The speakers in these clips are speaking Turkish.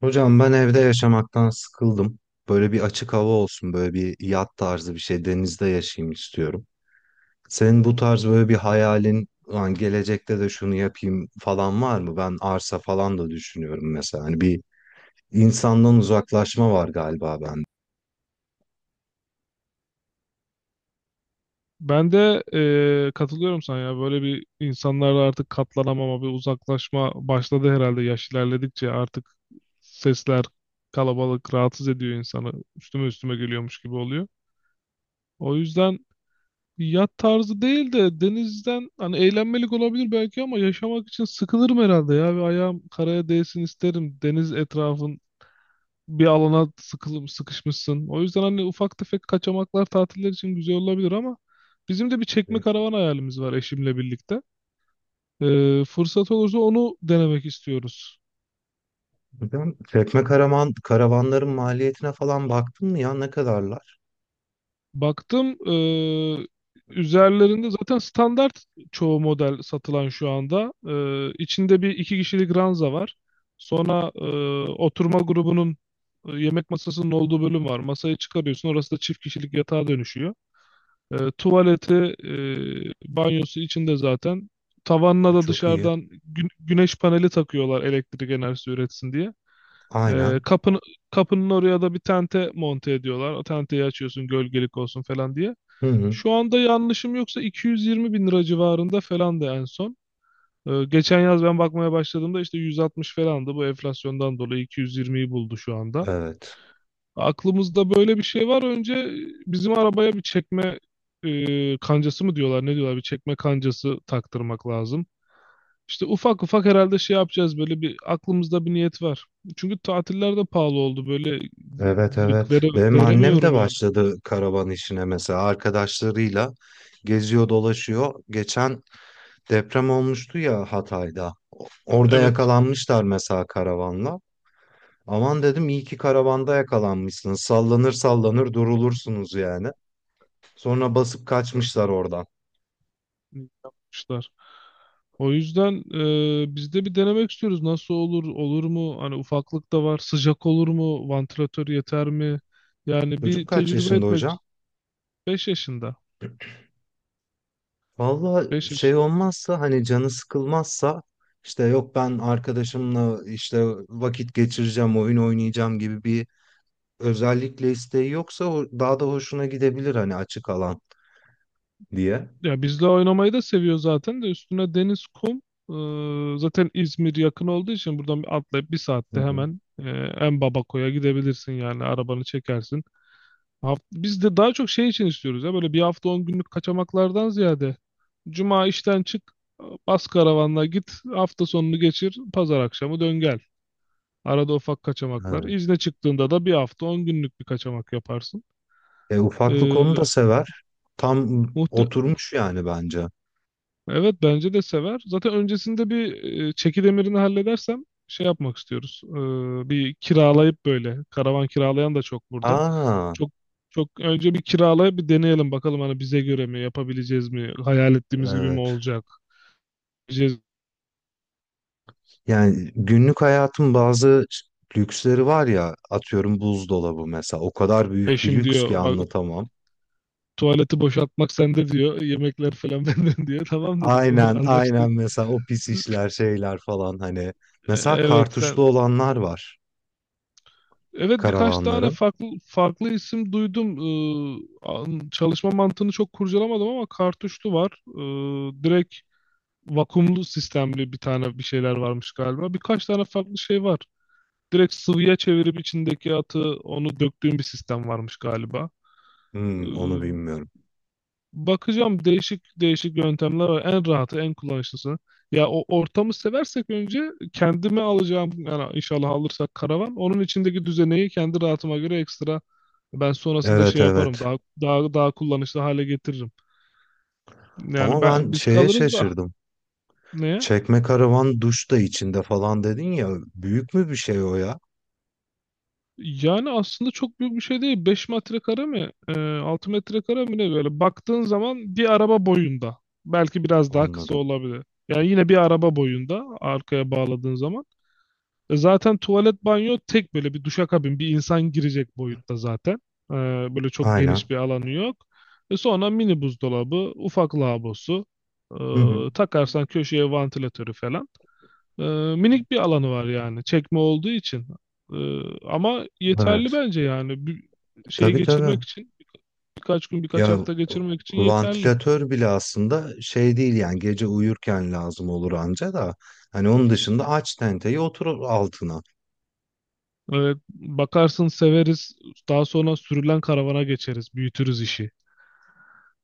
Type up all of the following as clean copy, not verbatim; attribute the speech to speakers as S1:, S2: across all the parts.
S1: Hocam ben evde yaşamaktan sıkıldım. Böyle bir açık hava olsun, böyle bir yat tarzı bir şey denizde yaşayayım istiyorum. Senin bu tarz böyle bir hayalin, "Ulan gelecekte de şunu yapayım falan var mı? Ben arsa falan da düşünüyorum mesela. Hani bir insandan uzaklaşma var galiba bende.
S2: Ben de katılıyorum sana ya. Böyle bir insanlarla artık katlanamama, bir uzaklaşma başladı herhalde yaş ilerledikçe. Artık sesler, kalabalık rahatsız ediyor insanı. Üstüme üstüme geliyormuş gibi oluyor. O yüzden yat tarzı değil de denizden hani eğlenmelik olabilir belki ama yaşamak için sıkılırım herhalde ya. Ve ayağım karaya değsin isterim. Deniz etrafın bir alana sıkılıp sıkışmışsın. O yüzden hani ufak tefek kaçamaklar tatiller için güzel olabilir ama bizim de bir çekme
S1: Evet.
S2: karavan hayalimiz var eşimle birlikte. Fırsat olursa onu denemek istiyoruz.
S1: Hocam çekme karavan, karavanların maliyetine falan baktın mı ya ne kadarlar?
S2: Baktım üzerlerinde zaten standart çoğu model satılan şu anda. İçinde bir iki kişilik ranza var. Sonra oturma grubunun, yemek masasının olduğu bölüm var. Masayı çıkarıyorsun orası da çift kişilik yatağa dönüşüyor. Tuvaleti, banyosu içinde zaten. Tavanına da
S1: Çok iyi.
S2: dışarıdan güneş paneli takıyorlar elektrik enerjisi üretsin diye. E,
S1: Aynen.
S2: kapın, kapının oraya da bir tente monte ediyorlar. O tenteyi açıyorsun gölgelik olsun falan diye.
S1: Hı hı.
S2: Şu anda yanlışım yoksa 220 bin lira civarında falan da en son. Geçen yaz ben bakmaya başladığımda işte 160 falandı. Bu enflasyondan dolayı 220'yi buldu şu anda.
S1: Evet.
S2: Aklımızda böyle bir şey var. Önce bizim arabaya bir çekme, kancası mı diyorlar ne diyorlar bir çekme kancası taktırmak lazım. İşte ufak ufak herhalde şey yapacağız, böyle bir aklımızda bir niyet var. Çünkü tatiller de pahalı oldu böyle,
S1: Evet, evet. Benim annem de
S2: veremiyorum yani.
S1: başladı karavan işine mesela arkadaşlarıyla geziyor dolaşıyor. Geçen deprem olmuştu ya Hatay'da. Orada
S2: Evet,
S1: yakalanmışlar mesela karavanla. Aman dedim iyi ki karavanda yakalanmışsınız. Sallanır sallanır durulursunuz yani. Sonra basıp kaçmışlar oradan.
S2: yapmışlar. O yüzden biz de bir denemek istiyoruz. Nasıl olur, olur mu? Hani ufaklık da var. Sıcak olur mu? Vantilatör yeter mi? Yani bir
S1: Çocuk kaç
S2: tecrübe
S1: yaşında hocam?
S2: etmek. 5 yaşında.
S1: Valla şey
S2: 5.
S1: olmazsa hani canı sıkılmazsa işte yok ben arkadaşımla işte vakit geçireceğim, oyun oynayacağım gibi bir özellikle isteği yoksa daha da hoşuna gidebilir hani açık alan diye.
S2: Ya bizle oynamayı da seviyor zaten de üstüne deniz, kum. Zaten İzmir yakın olduğu için buradan bir atlayıp bir
S1: Hı
S2: saatte
S1: hı.
S2: hemen, en Babako'ya gidebilirsin yani arabanı çekersin. Biz de daha çok şey için istiyoruz ya, böyle bir hafta 10 günlük kaçamaklardan ziyade. Cuma işten çık, bas karavanla git, hafta sonunu geçir, pazar akşamı dön gel. Arada ufak kaçamaklar.
S1: Evet.
S2: İzne çıktığında da bir hafta 10 günlük bir kaçamak yaparsın.
S1: Ufaklık onu
S2: Ee,
S1: da sever. Tam
S2: muhte-
S1: oturmuş yani bence.
S2: Evet bence de sever. Zaten öncesinde bir çekidemirini halledersem şey yapmak istiyoruz. Bir kiralayıp böyle karavan kiralayan da çok burada.
S1: Aa,
S2: Çok çok önce bir kiralayıp bir deneyelim bakalım hani bize göre mi, yapabileceğiz mi? Hayal ettiğimiz gibi mi
S1: evet.
S2: olacak? Diyeceğiz.
S1: Yani günlük hayatın bazı lüksleri var ya atıyorum buzdolabı mesela o kadar büyük bir
S2: Eşim
S1: lüks ki
S2: diyor bak
S1: anlatamam.
S2: tuvaleti boşaltmak sende diyor. Yemekler falan benden diyor. Tamam dedim olur
S1: Aynen,
S2: anlaştık.
S1: aynen, mesela o pis işler şeyler falan hani.
S2: E,
S1: Mesela
S2: Evet
S1: kartuşlu
S2: sen
S1: olanlar var
S2: Evet, birkaç tane
S1: karavanların.
S2: farklı farklı isim duydum. Çalışma mantığını çok kurcalamadım ama kartuşlu var. Direkt vakumlu sistemli bir tane bir şeyler varmış galiba. Birkaç tane farklı şey var. Direkt sıvıya çevirip içindeki atı onu döktüğün bir sistem varmış galiba. Ee,
S1: Hmm, onu bilmiyorum.
S2: Bakacağım, değişik değişik yöntemler var. En rahatı, en kullanışlısı. Ya o ortamı seversek önce kendime alacağım yani, inşallah alırsak karavan. Onun içindeki düzeneyi kendi rahatıma göre ekstra ben sonrasında
S1: Evet,
S2: şey yaparım.
S1: evet.
S2: Daha kullanışlı hale getiririm. Yani
S1: Ama ben
S2: biz
S1: şeye
S2: kalırız da.
S1: şaşırdım.
S2: Neye?
S1: Çekme karavan duş da içinde falan dedin ya. Büyük mü bir şey o ya?
S2: Yani aslında çok büyük bir şey değil. 5 metrekare mi? 6 metrekare mi ne böyle? Baktığın zaman bir araba boyunda. Belki biraz daha kısa
S1: Anladım.
S2: olabilir. Yani yine bir araba boyunda arkaya bağladığın zaman. Zaten tuvalet banyo tek böyle bir duşakabin, bir insan girecek boyutta zaten. E, Böyle çok
S1: Aynen.
S2: geniş bir alanı yok. Sonra mini buzdolabı, ufak lavabosu,
S1: Hı hı.
S2: takarsan köşeye vantilatörü falan. E, Minik bir alanı var yani çekme olduğu için. E, Ama yeterli
S1: Evet.
S2: bence, yani bir şey
S1: Tabii,
S2: geçirmek
S1: tabii.
S2: için, birkaç gün birkaç
S1: Ya
S2: hafta geçirmek için yeterli.
S1: vantilatör bile aslında şey değil yani gece uyurken lazım olur anca da. Hani onun dışında aç tenteyi otur altına.
S2: Evet, bakarsın severiz. Daha sonra sürülen karavana geçeriz, büyütürüz işi.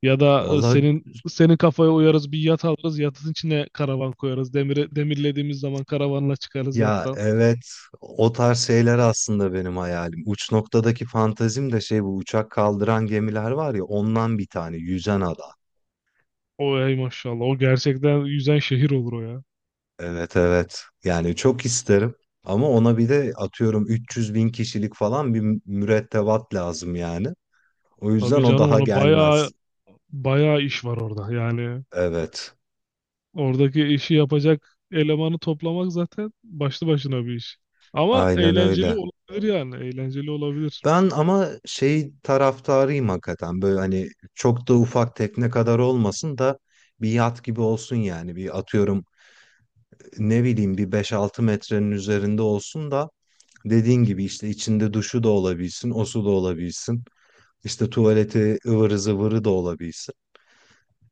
S2: Ya da
S1: Vallahi
S2: senin kafaya uyarız bir yat alırız. Yatın içine karavan koyarız. Demiri, demirlediğimiz zaman karavanla çıkarız
S1: ya,
S2: yattan.
S1: evet, o tarz şeyler aslında benim hayalim. Uç noktadaki fantazim de şey bu uçak kaldıran gemiler var ya ondan bir tane yüzen adam.
S2: O ey maşallah. O gerçekten yüzen şehir olur o ya.
S1: Evet, evet. Yani çok isterim. Ama ona bir de atıyorum 300 bin kişilik falan bir mürettebat lazım yani. O
S2: Tabii
S1: yüzden o
S2: canım,
S1: daha
S2: onu bayağı
S1: gelmez.
S2: bayağı iş var orada. Yani
S1: Evet.
S2: oradaki işi yapacak elemanı toplamak zaten başlı başına bir iş. Ama
S1: Aynen
S2: eğlenceli
S1: öyle.
S2: olabilir yani. Eğlenceli olabilir.
S1: Ben ama şey taraftarıyım hakikaten. Böyle hani çok da ufak tekne kadar olmasın da bir yat gibi olsun yani. Bir atıyorum ne bileyim bir beş altı metrenin üzerinde olsun da dediğin gibi işte içinde duşu da olabilsin, o su da olabilsin. İşte tuvaleti ıvırı zıvırı da olabilsin.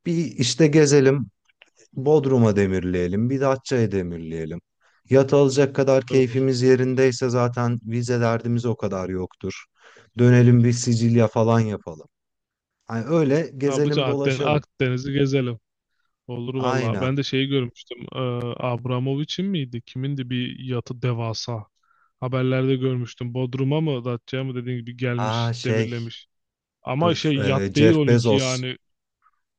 S1: Bir işte gezelim, Bodrum'a demirleyelim, bir Datça'ya demirleyelim. Yat alacak kadar
S2: Güzel olur.
S1: keyfimiz yerindeyse zaten vize derdimiz o kadar yoktur. Dönelim bir Sicilya falan yapalım. Hani öyle
S2: Ya bütün
S1: gezelim dolaşalım.
S2: Akdeniz'i gezelim. Olur valla.
S1: Aynen.
S2: Ben de şeyi görmüştüm. Abramovich'in miydi? Kimindi bir yatı, devasa. Haberlerde görmüştüm. Bodrum'a mı Datça'ya mı, dediğin gibi
S1: Aa
S2: gelmiş,
S1: şey,
S2: demirlemiş.
S1: dur,
S2: Ama şey, yat değil
S1: Jeff
S2: onunki
S1: Bezos.
S2: yani.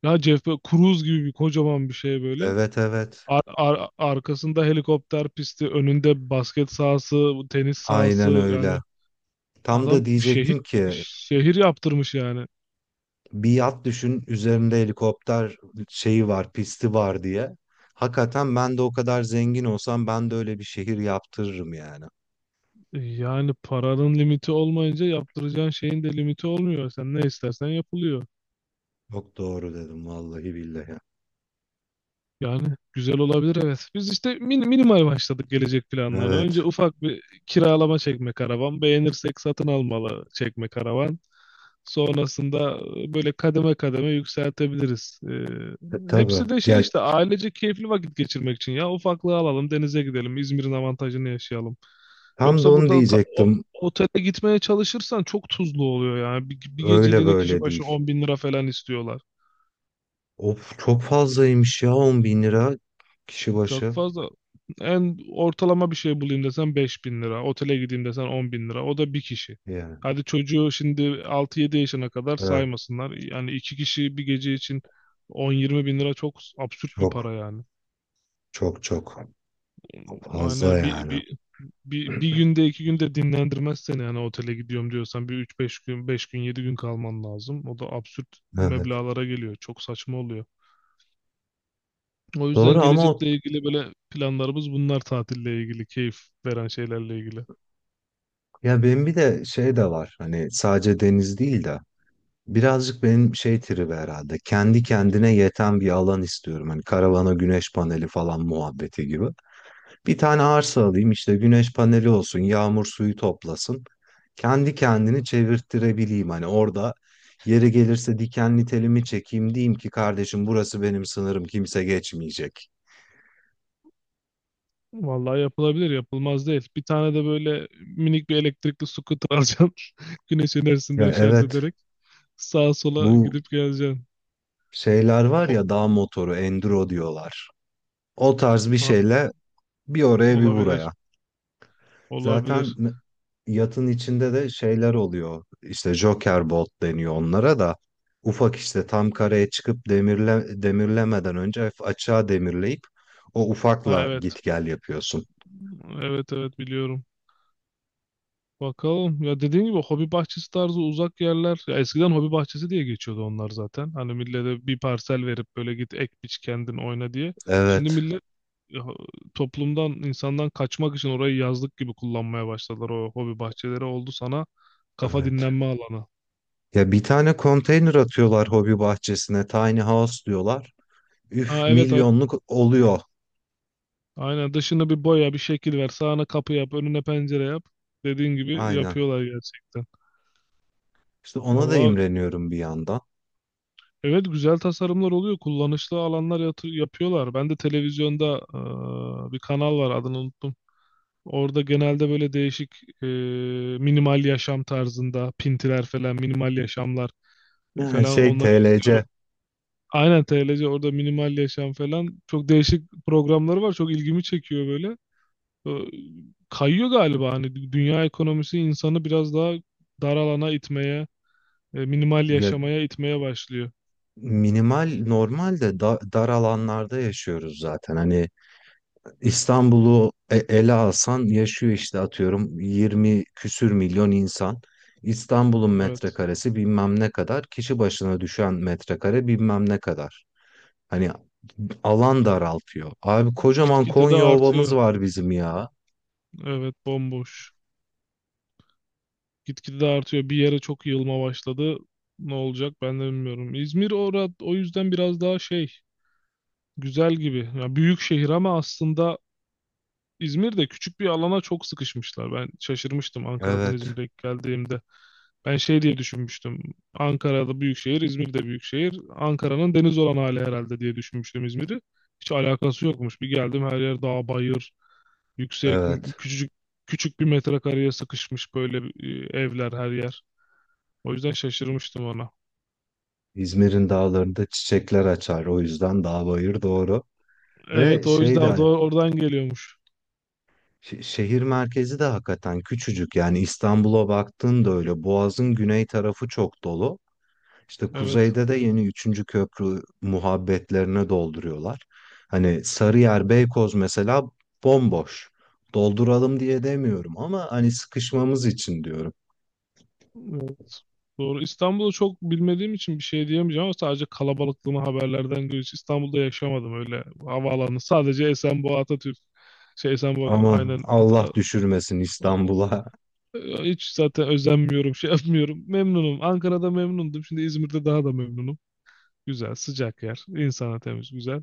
S2: Ne, Cruise gibi bir kocaman bir şey böyle.
S1: Evet, evet,
S2: Arkasında helikopter pisti, önünde basket sahası, tenis sahası.
S1: aynen öyle.
S2: Yani
S1: Tam
S2: adam
S1: da
S2: şehir
S1: diyecektim ki
S2: şehir yaptırmış yani.
S1: bir yat düşün üzerinde helikopter şeyi var, pisti var diye. Hakikaten ben de o kadar zengin olsam ben de öyle bir şehir yaptırırım yani.
S2: Yani paranın limiti olmayınca yaptıracağın şeyin de limiti olmuyor. Sen ne istersen yapılıyor.
S1: Çok doğru dedim vallahi billahi.
S2: Yani güzel olabilir, evet. Biz işte minimal başladık gelecek planlarına.
S1: Evet.
S2: Önce ufak bir kiralama çekme karavan. Beğenirsek satın almalı çekme karavan. Sonrasında böyle kademe kademe yükseltebiliriz.
S1: Tabii.
S2: Hepsi de şey
S1: Ya
S2: işte, ailece keyifli vakit geçirmek için ya. Ufaklığı alalım, denize gidelim, İzmir'in avantajını yaşayalım.
S1: tam da
S2: Yoksa
S1: onu
S2: burada
S1: diyecektim.
S2: otele gitmeye çalışırsan çok tuzlu oluyor yani. Bir
S1: Öyle
S2: geceliğine kişi
S1: böyle değil.
S2: başı 10 bin lira falan istiyorlar.
S1: Of, çok fazlaymış ya, 10 bin lira kişi
S2: Çok
S1: başı.
S2: fazla. En ortalama bir şey bulayım desen 5 bin lira. Otele gideyim desen 10 bin lira. O da bir kişi.
S1: Yani
S2: Hadi çocuğu şimdi altı yedi yaşına kadar
S1: evet,
S2: saymasınlar. Yani iki kişi bir gece için 10-20 bin lira çok absürt bir
S1: çok,
S2: para yani.
S1: çok, çok fazla
S2: Yani bir,
S1: yani.
S2: bir, bir, bir günde iki günde dinlendirmez seni, yani otele gidiyorum diyorsan bir üç beş gün beş gün 7 gün kalman lazım. O da absürt
S1: Evet.
S2: meblağlara geliyor. Çok saçma oluyor. O yüzden
S1: Doğru ama o,
S2: gelecekle ilgili böyle planlarımız bunlar, tatille ilgili, keyif veren şeylerle ilgili.
S1: ya benim bir de şey de var. Hani sadece deniz değil de birazcık benim şey tribi herhalde. Kendi kendine yeten bir alan istiyorum. Hani karavana güneş paneli falan muhabbeti gibi. Bir tane arsa alayım işte güneş paneli olsun, yağmur suyu toplasın. Kendi kendini çevirttirebileyim. Hani orada yeri gelirse dikenli telimi çekeyim diyeyim ki kardeşim burası benim sınırım kimse geçmeyecek.
S2: Vallahi yapılabilir, yapılmaz değil. Bir tane de böyle minik bir elektrikli scooter alacaksın. Güneş
S1: Ya
S2: enerjisinden şarj
S1: evet,
S2: ederek sağa sola
S1: bu
S2: gidip geleceksin.
S1: şeyler var
S2: Ho-
S1: ya, dağ motoru, enduro diyorlar. O tarz bir
S2: ha,
S1: şeyle bir oraya bir
S2: olabilir,
S1: buraya. Zaten
S2: olabilir.
S1: yatın içinde de şeyler oluyor. İşte Joker Bolt deniyor onlara da. Ufak işte tam kareye çıkıp demirle, demirlemeden önce hafif açığa demirleyip o
S2: Ha,
S1: ufakla
S2: evet,
S1: git gel yapıyorsun.
S2: evet, evet biliyorum. Bakalım. Ya dediğin gibi hobi bahçesi tarzı uzak yerler. Ya eskiden hobi bahçesi diye geçiyordu onlar zaten. Hani millete bir parsel verip böyle git ek biç kendin oyna diye. Şimdi
S1: Evet,
S2: millet ya, toplumdan, insandan kaçmak için orayı yazlık gibi kullanmaya başladılar, o hobi bahçeleri oldu sana kafa
S1: evet.
S2: dinlenme alanı.
S1: Ya bir tane konteyner atıyorlar hobi bahçesine. Tiny House diyorlar. Üf,
S2: Ha evet,
S1: milyonluk oluyor.
S2: aynen, dışını bir boya bir şekil ver, sağına kapı yap önüne pencere yap, dediğin gibi
S1: Aynen.
S2: yapıyorlar gerçekten.
S1: İşte ona da
S2: Valla
S1: imreniyorum bir yandan.
S2: evet, güzel tasarımlar oluyor, kullanışlı alanlar yapıyorlar. Ben de televizyonda, bir kanal var adını unuttum. Orada genelde böyle değişik, eee, minimal yaşam tarzında pintiler falan, minimal yaşamlar
S1: Yani
S2: falan,
S1: şey,
S2: onları izliyorum.
S1: TLC.
S2: Aynen TLC, orada minimal yaşam falan çok değişik programları var. Çok ilgimi çekiyor böyle. Ee, Kayıyor galiba hani dünya ekonomisi insanı biraz daha dar alana itmeye, minimal
S1: Ya
S2: yaşamaya itmeye başlıyor.
S1: minimal normalde da dar alanlarda yaşıyoruz zaten. Hani İstanbul'u ele alsan yaşıyor işte atıyorum 20 küsür milyon insan. İstanbul'un
S2: Evet.
S1: metrekaresi bilmem ne kadar, kişi başına düşen metrekare bilmem ne kadar. Hani alan daraltıyor. Abi kocaman
S2: Gitgide de
S1: Konya Ovamız
S2: artıyor.
S1: var bizim ya.
S2: Evet, bomboş. Gitgide de artıyor. Bir yere çok yığılma başladı. Ne olacak ben de bilmiyorum. İzmir orada o yüzden biraz daha şey, güzel gibi. Ya büyük şehir ama aslında İzmir'de küçük bir alana çok sıkışmışlar. Ben şaşırmıştım Ankara'dan
S1: Evet,
S2: İzmir'e geldiğimde. Ben şey diye düşünmüştüm. Ankara'da büyük şehir, İzmir'de büyük şehir. Ankara'nın deniz olan hali herhalde diye düşünmüştüm İzmir'i. Hiç alakası yokmuş. Bir geldim her yer dağ, bayır, yüksek,
S1: evet.
S2: küçücük küçük bir metrekareye sıkışmış böyle, evler her yer. O yüzden şaşırmıştım ona.
S1: İzmir'in dağlarında çiçekler açar. O yüzden dağ bayır doğru. Ve
S2: Evet, o
S1: şey
S2: yüzden o da
S1: de
S2: oradan geliyormuş.
S1: şehir merkezi de hakikaten küçücük. Yani İstanbul'a baktığında öyle. Boğaz'ın güney tarafı çok dolu. İşte
S2: Evet.
S1: kuzeyde de yeni üçüncü köprü muhabbetlerine dolduruyorlar. Hani Sarıyer, Beykoz mesela bomboş. Dolduralım diye demiyorum ama hani sıkışmamız için diyorum.
S2: Evet. Doğru. İstanbul'u çok bilmediğim için bir şey diyemeyeceğim ama sadece kalabalıklığını haberlerden görüyoruz. İstanbul'da yaşamadım, öyle havaalanı sadece Esenboğa Atatürk. Şey Esenboğa
S1: Aman
S2: aynen.
S1: Allah düşürmesin
S2: O-
S1: İstanbul'a.
S2: Hiç zaten özenmiyorum, şey yapmıyorum. Memnunum. Ankara'da memnundum. Şimdi İzmir'de daha da memnunum. Güzel, sıcak yer. İnsana temiz, güzel.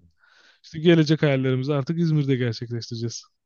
S2: İşte gelecek hayallerimizi artık İzmir'de gerçekleştireceğiz.